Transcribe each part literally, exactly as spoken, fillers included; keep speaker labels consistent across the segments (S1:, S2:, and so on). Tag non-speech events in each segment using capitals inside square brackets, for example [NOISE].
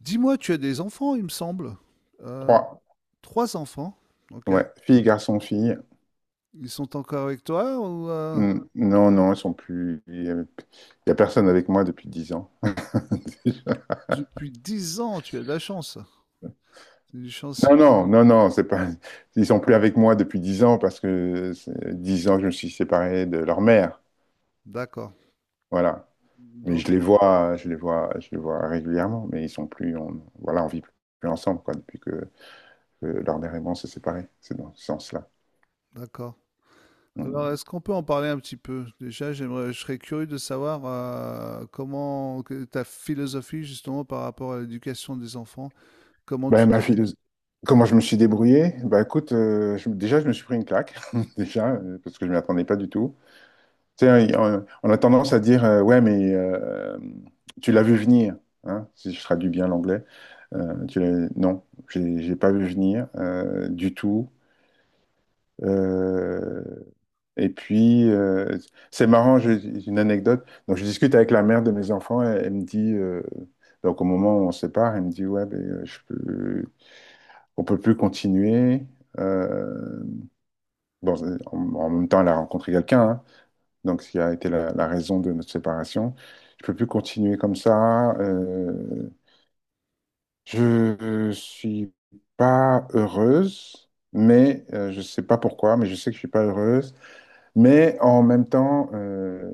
S1: Dis-moi, tu as des enfants, il me semble. Euh,
S2: Trois.
S1: Trois enfants, ok.
S2: Ouais. Fille, garçon, fille.
S1: Ils sont encore avec toi ou euh,
S2: Hmm. Non, non, ils sont plus. Il n'y a il y a personne avec moi depuis dix ans. [LAUGHS]
S1: depuis dix ans, tu as de la chance. C'est du chancier.
S2: Non, non, non, non, c'est pas. Ils sont plus avec moi depuis dix ans parce que c'est dix ans que je me suis séparé de leur mère.
S1: D'accord.
S2: Voilà. Mais
S1: Donc,
S2: je les vois, je les vois, je les vois régulièrement, mais ils sont plus. On, voilà, on vit plus ensemble, quoi, depuis que, que leur mère et moi on s'est séparés. C'est dans ce sens-là.
S1: d'accord.
S2: Mm.
S1: Alors, est-ce qu'on peut en parler un petit peu? Déjà, j'aimerais, je serais curieux de savoir euh, comment que- ta philosophie justement par rapport à l'éducation des enfants. Comment
S2: Ben,
S1: tu
S2: ma
S1: t'es.
S2: philosophie. Comment je me suis débrouillé? Bah écoute, euh, je- déjà je me suis pris une claque, [LAUGHS] déjà, euh, parce que je ne m'y attendais pas du tout. Tu sais, on on a tendance à dire, euh, ouais, mais euh, tu l'as vu venir, hein, si je traduis bien l'anglais. Euh, tu l'as- non, j'ai j'ai pas vu venir euh, du tout. Euh, et puis, euh, c'est marrant, j'ai j'ai une anecdote. Donc, je discute avec la mère de mes enfants, elle, elle me dit, euh, donc au moment où on se sépare, elle me dit, ouais, ben, euh, je peux, on peut plus continuer. Euh, bon, en, en même temps, elle a rencontré quelqu'un, hein, donc ce qui a été la, la raison de notre séparation. Je peux plus continuer comme ça. Euh, je suis pas heureuse, mais euh, je sais pas pourquoi, mais je sais que je suis pas heureuse. Mais en même temps, euh,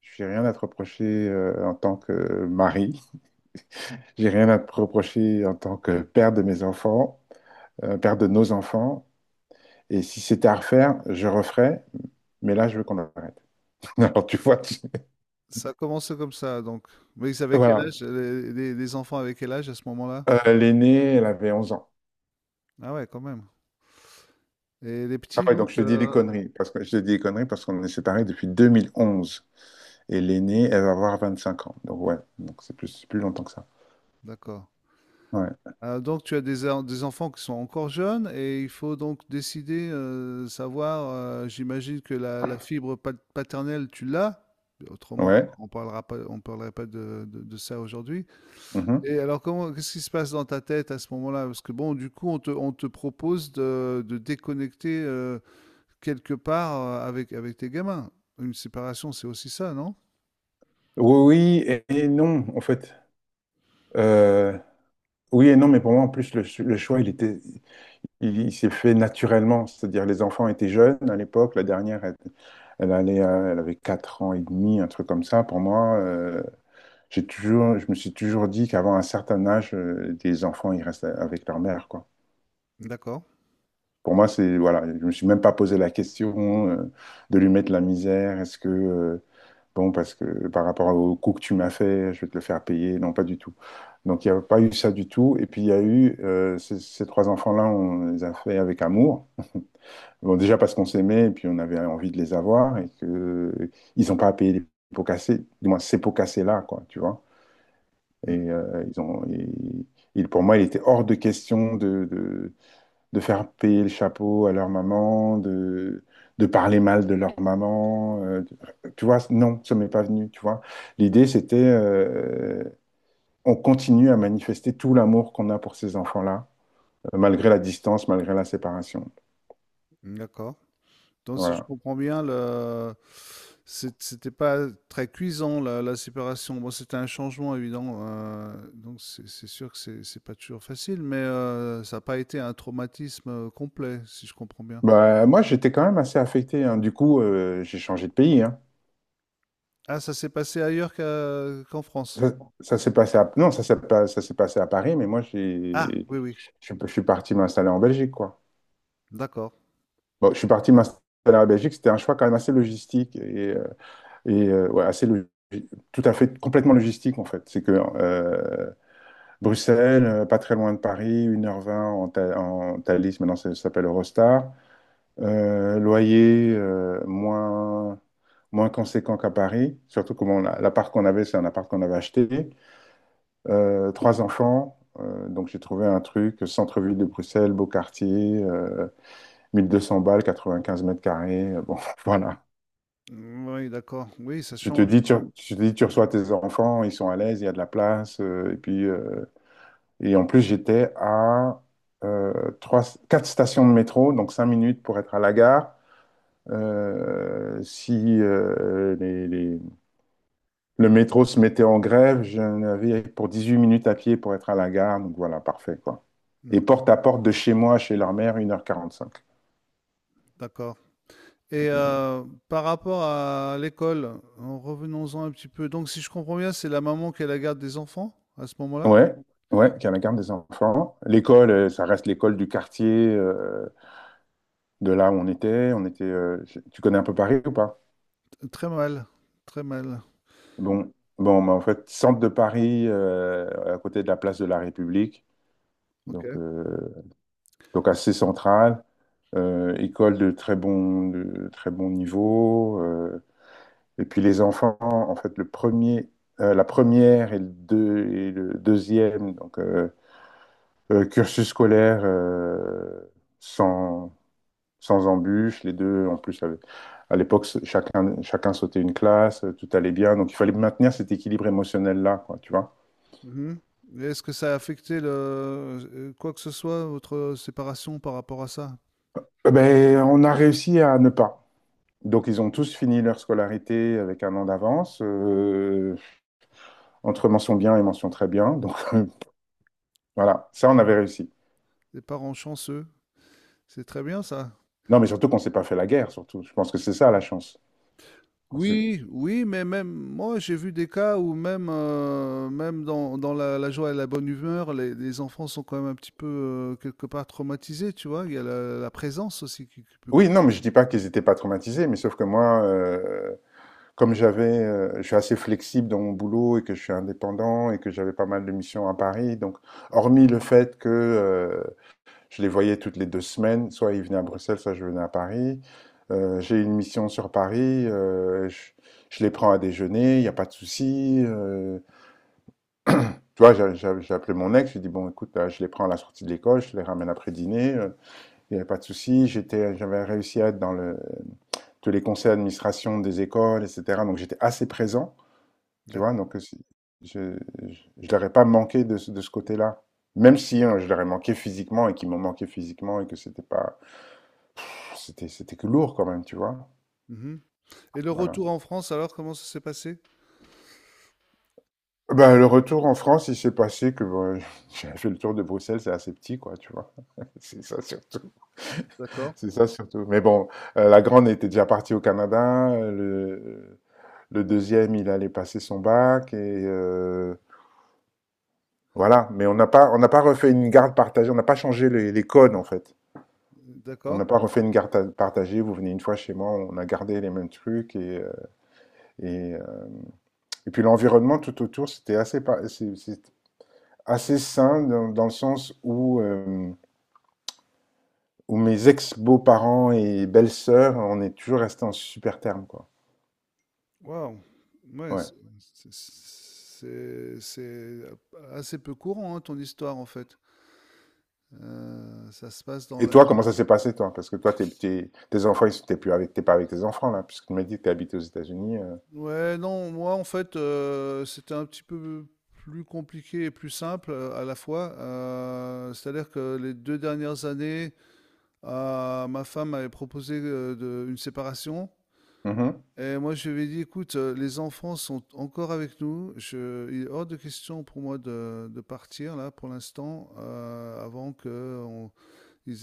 S2: j'ai rien à te reprocher euh, en tant que mari. J'ai rien à te reprocher en tant que père de mes enfants, euh, père de nos enfants. Et si c'était à refaire, je referais. Mais là, je veux qu'on arrête. [LAUGHS] Alors, tu vois, tu-
S1: Ça a commencé comme ça, donc. Mais ils avaient quel
S2: voilà.
S1: âge? Les, les- les enfants avaient quel âge à ce moment-là?
S2: Euh, l'aînée, elle avait onze ans.
S1: Ah ouais, quand même. Et les
S2: Ah
S1: petits,
S2: ouais,
S1: donc,
S2: donc je te dis des
S1: euh,
S2: conneries, parce que je te dis des conneries parce qu'on est séparés depuis deux mille onze. Et l'aînée, elle va avoir vingt-cinq ans. Donc ouais, donc c'est plus, c'est plus longtemps que ça.
S1: d'accord.
S2: Ouais.
S1: Heu, donc tu as des en des enfants qui sont encore jeunes et il faut donc décider, heu, savoir, heu, j'imagine que la la fibre pat paternelle tu l'as? Mais autrement,
S2: Ouais.
S1: on parlera pas on parlerait pas de de de ça aujourd'hui.
S2: Mhm.
S1: Et alors, comment qu'est-ce qui se passe dans ta tête à ce moment-là? Parce que bon, du coup, on te on te propose de de déconnecter, heu, quelque part, heu, avec avec tes gamins. Une séparation, c'est aussi ça, non?
S2: Oui, oui et, et non, en fait. Euh, oui et non, mais pour moi, en plus, le, ch- le choix, il était, il, il s'est fait naturellement. C'est-à-dire, les enfants étaient jeunes à l'époque. La dernière, elle, elle allait, à- elle avait quatre ans et demi, un truc comme ça. Pour moi, euh, j'ai toujours, je me suis toujours dit qu'avant un certain âge, euh, des enfants, ils restent avec leur mère, quoi.
S1: D'accord.
S2: Pour moi, c'est, voilà, je me suis même pas posé la question euh, de lui mettre la misère. Est-ce que, euh, bon, parce que par rapport au coup que tu m'as fait, je vais te le faire payer. Non, pas du tout. Donc, il n'y a pas eu ça du tout. Et puis, il y a eu euh, ces, ces trois enfants-là, on les a fait avec amour. Bon, déjà parce qu'on s'aimait et puis on avait envie de les avoir et que euh, ils n'ont pas à payer les pots cassés, du moins ces pots cassés-là, quoi, tu vois. Et
S1: Mmh.
S2: euh, ils ont, et- il- Pour moi, il était hors de question de. de, de faire payer le chapeau à leur maman, de, de parler mal de leur maman. euh, de- tu vois, non, ça m'est pas venu, tu vois. L'idée, c'était, euh, on continue à manifester tout l'amour qu'on a pour ces enfants-là, euh, malgré la distance, malgré la séparation.
S1: D'accord. Donc, si je
S2: Voilà.
S1: comprends bien, le... c'est- c'était pas très cuisant la- la séparation. Bon, c'était un changement évident, euh, donc c'est c'est sûr que c'est c'est pas toujours facile, mais euh, ça n'a pas été un traumatisme euh, complet, si je comprends bien.
S2: Bah, moi, j'étais quand même assez affecté, hein. Du coup, euh, j'ai changé de pays, hein.
S1: Ah, ça s'est passé ailleurs qu'à- qu'en France.
S2: Ça, ça s'est passé à... Non, ça s'est pas- ça s'est passé à Paris, mais moi,
S1: Ah,
S2: j'ai...
S1: oui, oui,
S2: Je, je suis parti m'installer en Belgique, quoi.
S1: d'accord.
S2: Bon, je suis parti m'installer en Belgique, c'était un choix quand même assez logistique. Et, euh, Et euh, ouais, assez logique. Tout à fait, complètement logistique en fait. C'est que euh, Bruxelles, euh, pas très loin de Paris, une heure vingt en, Tha- en Thalys, maintenant ça, ça s'appelle Eurostar. Euh, loyer euh, moins, moins conséquent qu'à Paris, surtout que bon, la- l'appart qu'on avait, c'est un appart qu'on avait acheté. Euh, trois enfants, euh, donc j'ai trouvé un truc, centre-ville de Bruxelles, beau quartier, euh, mille deux cents balles, quatre-vingt-quinze mètres carrés. euh, bon, [LAUGHS] voilà.
S1: Mm, oui, d'accord. Oui, ça
S2: Je te
S1: change.
S2: dis, tu, je te dis, tu reçois tes enfants, ils sont à l'aise, il y a de la place. euh, et puis, euh, et en plus, j'étais à euh, trois, quatre stations de métro, donc cinq minutes pour être à la gare. Euh, si euh, les- les- le métro se mettait en grève, j'en avais pour huit minutes à pied pour être à la gare. Donc voilà, parfait, quoi. Et
S1: Mm,
S2: porte à porte de chez moi, chez leur mère, une heure quarante-cinq.
S1: d'accord. Et
S2: Donc,
S1: euh, par rapport à l'école, en revenons-en un petit peu. Donc, si je comprends bien, c'est la maman qui a la garde des enfants à ce
S2: euh,
S1: moment-là?
S2: ouais, ouais, qui est la garde des enfants. L'école, euh, ça reste l'école du quartier. Euh, de là où on était. On était euh, je- tu connais un peu Paris ou pas?
S1: Très mal, très mal.
S2: Bon, bon bah, en fait, centre de Paris, euh, à côté de la place de la République, donc,
S1: OK.
S2: euh, donc assez central, euh, école de très bon, de très bon, niveau. Euh, et puis les enfants, en fait, le premier, euh, la première et le, deux, et le deuxième donc, euh, euh, cursus scolaire euh, sans, sans embûches. Les deux, en plus, avaient- à l'époque, chacun, chacun sautait une classe, euh, tout allait bien. Donc, il fallait maintenir cet équilibre émotionnel-là, quoi, tu vois.
S1: Mmh. Et est-ce que ça a affecté le, heu, quoi que ce soit, votre séparation par rapport à ça?
S2: Eh ben, on a réussi à ne pas. Donc, ils ont tous fini leur scolarité avec un an d'avance, euh, entre mention bien et mention très bien. Donc, [LAUGHS]
S1: Ouais.
S2: voilà, ça, on avait réussi.
S1: Les parents chanceux, c'est très bien ça.
S2: Non, mais surtout qu'on s'est pas fait la guerre, surtout. Je pense que c'est ça, la chance. Qu'on s'est-
S1: Oui, oui, mais même moi, j'ai vu des cas où même, heu, même dans dans la la joie et la bonne humeur, les les enfants sont quand même un petit peu, heu, quelque part traumatisés, tu vois? Il y a la la présence aussi qui qui peut
S2: Oui, non,
S1: compter
S2: mais je
S1: aussi.
S2: dis pas qu'ils étaient pas traumatisés, mais sauf que moi, euh, comme j'avais, euh, je suis assez flexible dans mon boulot et que je suis indépendant et que j'avais pas mal de missions à Paris, donc hormis le fait que euh, je les voyais toutes les deux semaines, soit ils venaient à Bruxelles, soit je venais à Paris, euh, j'ai une mission sur Paris, euh, je, je les prends à déjeuner, il n'y a pas de souci. euh, [CLEARS THROAT] tu
S1: Mmh,
S2: vois, j'a- j'a- j'ai appelé mon ex, je lui ai dit, bon, écoute, là, je les prends à la sortie de l'école, je les ramène après dîner, euh, il n'y avait pas de souci. J'étais, j'avais réussi à être dans le, tous les conseils d'administration des écoles, et cetera. Donc j'étais assez présent. Tu vois,
S1: d'acc
S2: donc c'est- je ne leur ai pas manqué de, ce- de ce côté-là. Même si hein, je leur ai manqué physiquement et qu'ils m'ont manqué physiquement et que c'était pas, c'était c'était que lourd quand même, tu vois.
S1: mmh Et le
S2: Voilà.
S1: retour en France, alors, comment ça s'est passé?
S2: Ben, le retour en France, il s'est passé que bon, [LAUGHS] j'avais fait le tour de Bruxelles, c'est assez petit, quoi, tu vois. [LAUGHS] C'est ça surtout.
S1: D'accord,
S2: C'est ça surtout. Mais bon, euh, la grande était déjà partie au Canada. euh, Le, le deuxième, il allait passer son bac et euh, voilà. Mais on n'a pas, on n'a pas refait une garde partagée. On n'a pas changé les, les codes en fait. On n'a
S1: d'accord.
S2: pas refait une garde partagée, vous venez une fois chez moi, on a gardé les mêmes trucs. Et, euh, et, euh, et puis l'environnement tout autour, c'était assez, pa- assez sain dans, dans le sens où, euh, où mes ex-beaux-parents et belles-sœurs, on est toujours restés en super terme, quoi.
S1: Waouh! Ouais,
S2: Ouais.
S1: c'est c'est c'est assez peu courant, hein, ton histoire, en fait. Heu, ça se passe dans
S2: Et
S1: la.
S2: toi, comment ça s'est passé, toi? Parce que toi, t'es, t'es- tes enfants, ils sont- t'es plus avec, t'es pas avec tes enfants, là, puisque tu m'as dit que t'es habité aux États-Unis. euh.
S1: Ouais, non, moi, en fait, heu, c'était un petit peu plus compliqué et plus simple, heu, à la fois. Heu, c'est-à-dire que les deux dernières années, heu, ma femme m'avait proposé, heu, de une séparation.
S2: Mhm.
S1: Et moi, je lui ai dit, écoute, euh, les enfants sont encore avec nous. Je, il est hors de question pour moi de, de partir là pour l'instant, euh, avant qu'ils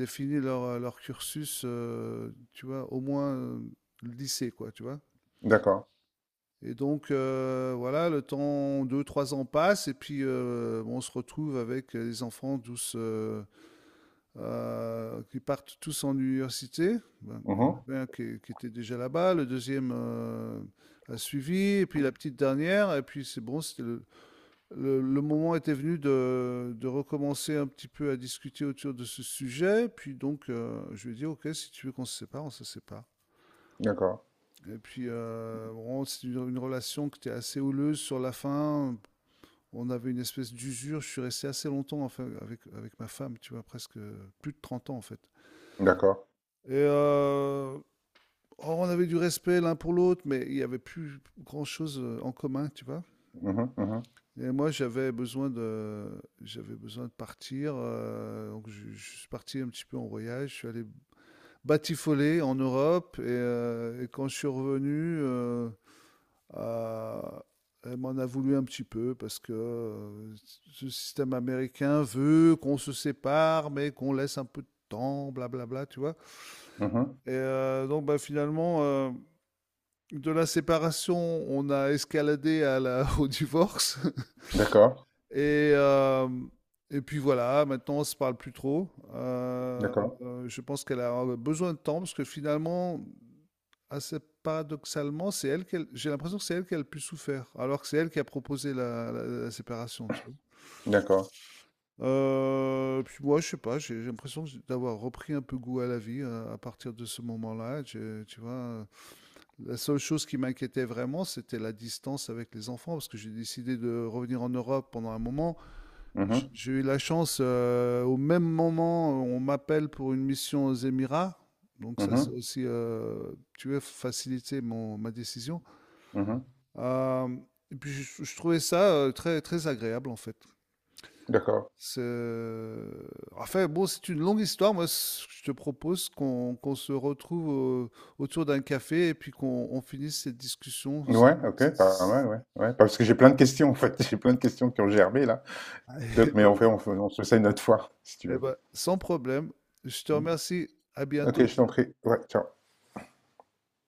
S1: aient fini leur, euh, leur cursus, euh, tu vois, au moins euh, le lycée, quoi, tu vois.
S2: D'accord.
S1: Et donc, euh, voilà, le temps, deux, trois ans passe, et puis euh, on se retrouve avec les enfants tous, euh, qui partent tous en université. Ben, il y en
S2: Mhm.
S1: avait un qui, qui était déjà là-bas, le deuxième euh, a suivi, et puis la petite dernière, et puis c'est bon, c'était le, le- le moment était venu de, de recommencer un petit peu à discuter autour de ce sujet, puis donc euh, je lui ai dit, ok, si tu veux qu'on se sépare, on se sépare.
S2: D'accord.
S1: Et puis, euh, bon, c'est une, une relation qui était assez houleuse sur la fin. On avait une espèce d'usure. Je suis resté assez longtemps enfin, avec, avec ma femme, tu vois, presque plus de trente ans en fait.
S2: D'accord.
S1: Et euh, oh, on avait du respect l'un pour l'autre, mais il n'y avait plus grand-chose euh, en commun, tu vois.
S2: Mhm. Mhm.
S1: Et moi, j'avais besoin de, j'avais besoin de partir. Euh, donc, je, je suis parti un petit peu en voyage. Je suis allé batifoler en Europe. Et, euh, et quand je suis revenu, euh, euh, elle m'en a voulu un petit peu parce que euh, ce système américain veut qu'on se sépare, mais qu'on laisse un peu de temps, blablabla, tu vois.
S2: Mhm.
S1: Et euh, donc, bah, finalement, euh, de la séparation, on a escaladé à la, [LAUGHS] au divorce.
S2: D'accord.
S1: Et, euh, et puis voilà, maintenant, on se parle plus trop. Euh,
S2: D'accord.
S1: euh, je pense qu'elle a besoin de temps parce que finalement, assez paradoxalement, c'est elle qu'elle, j'ai l'impression que c'est elle qui a le plus souffert, alors que c'est elle qui a proposé la, la- la séparation, tu vois.
S2: D'accord.
S1: Euh, puis moi, je sais pas, j'ai j'ai l'impression que j'ai- d'avoir repris un peu goût à la vie euh, à partir de ce moment-là. Tu, tu vois, la seule chose qui m'inquiétait vraiment, c'était la distance avec les enfants, parce que j'ai décidé de revenir en Europe pendant un moment. J-
S2: Mhm.
S1: J'ai eu la chance, euh, au même moment, on m'appelle pour une mission aux Émirats, donc ça c'est
S2: Mhm.
S1: aussi, euh, tu veux, faciliter mon, ma décision.
S2: Mhm.
S1: Euh, et puis je, je trouvais ça euh, très, très agréable en fait.
S2: D'accord.
S1: C'est- Enfin, bon, c'est une longue histoire. Moi, c- je te propose qu'on qu'on se retrouve au- autour d'un café et puis qu'on on finisse cette discussion.
S2: Ouais, OK, pas
S1: [LAUGHS]
S2: mal, ouais, ouais. Parce que j'ai plein de questions, en fait. [LAUGHS] J'ai plein de questions qui ont germé, là.
S1: Eh
S2: Donc mais en fait
S1: ben,
S2: on fait on se fait ça une autre fois, si tu
S1: eh
S2: veux.
S1: ben, sans problème. Je te
S2: Mmh.
S1: remercie. À
S2: OK, je
S1: bientôt.
S2: t'en prie. Ouais, ciao.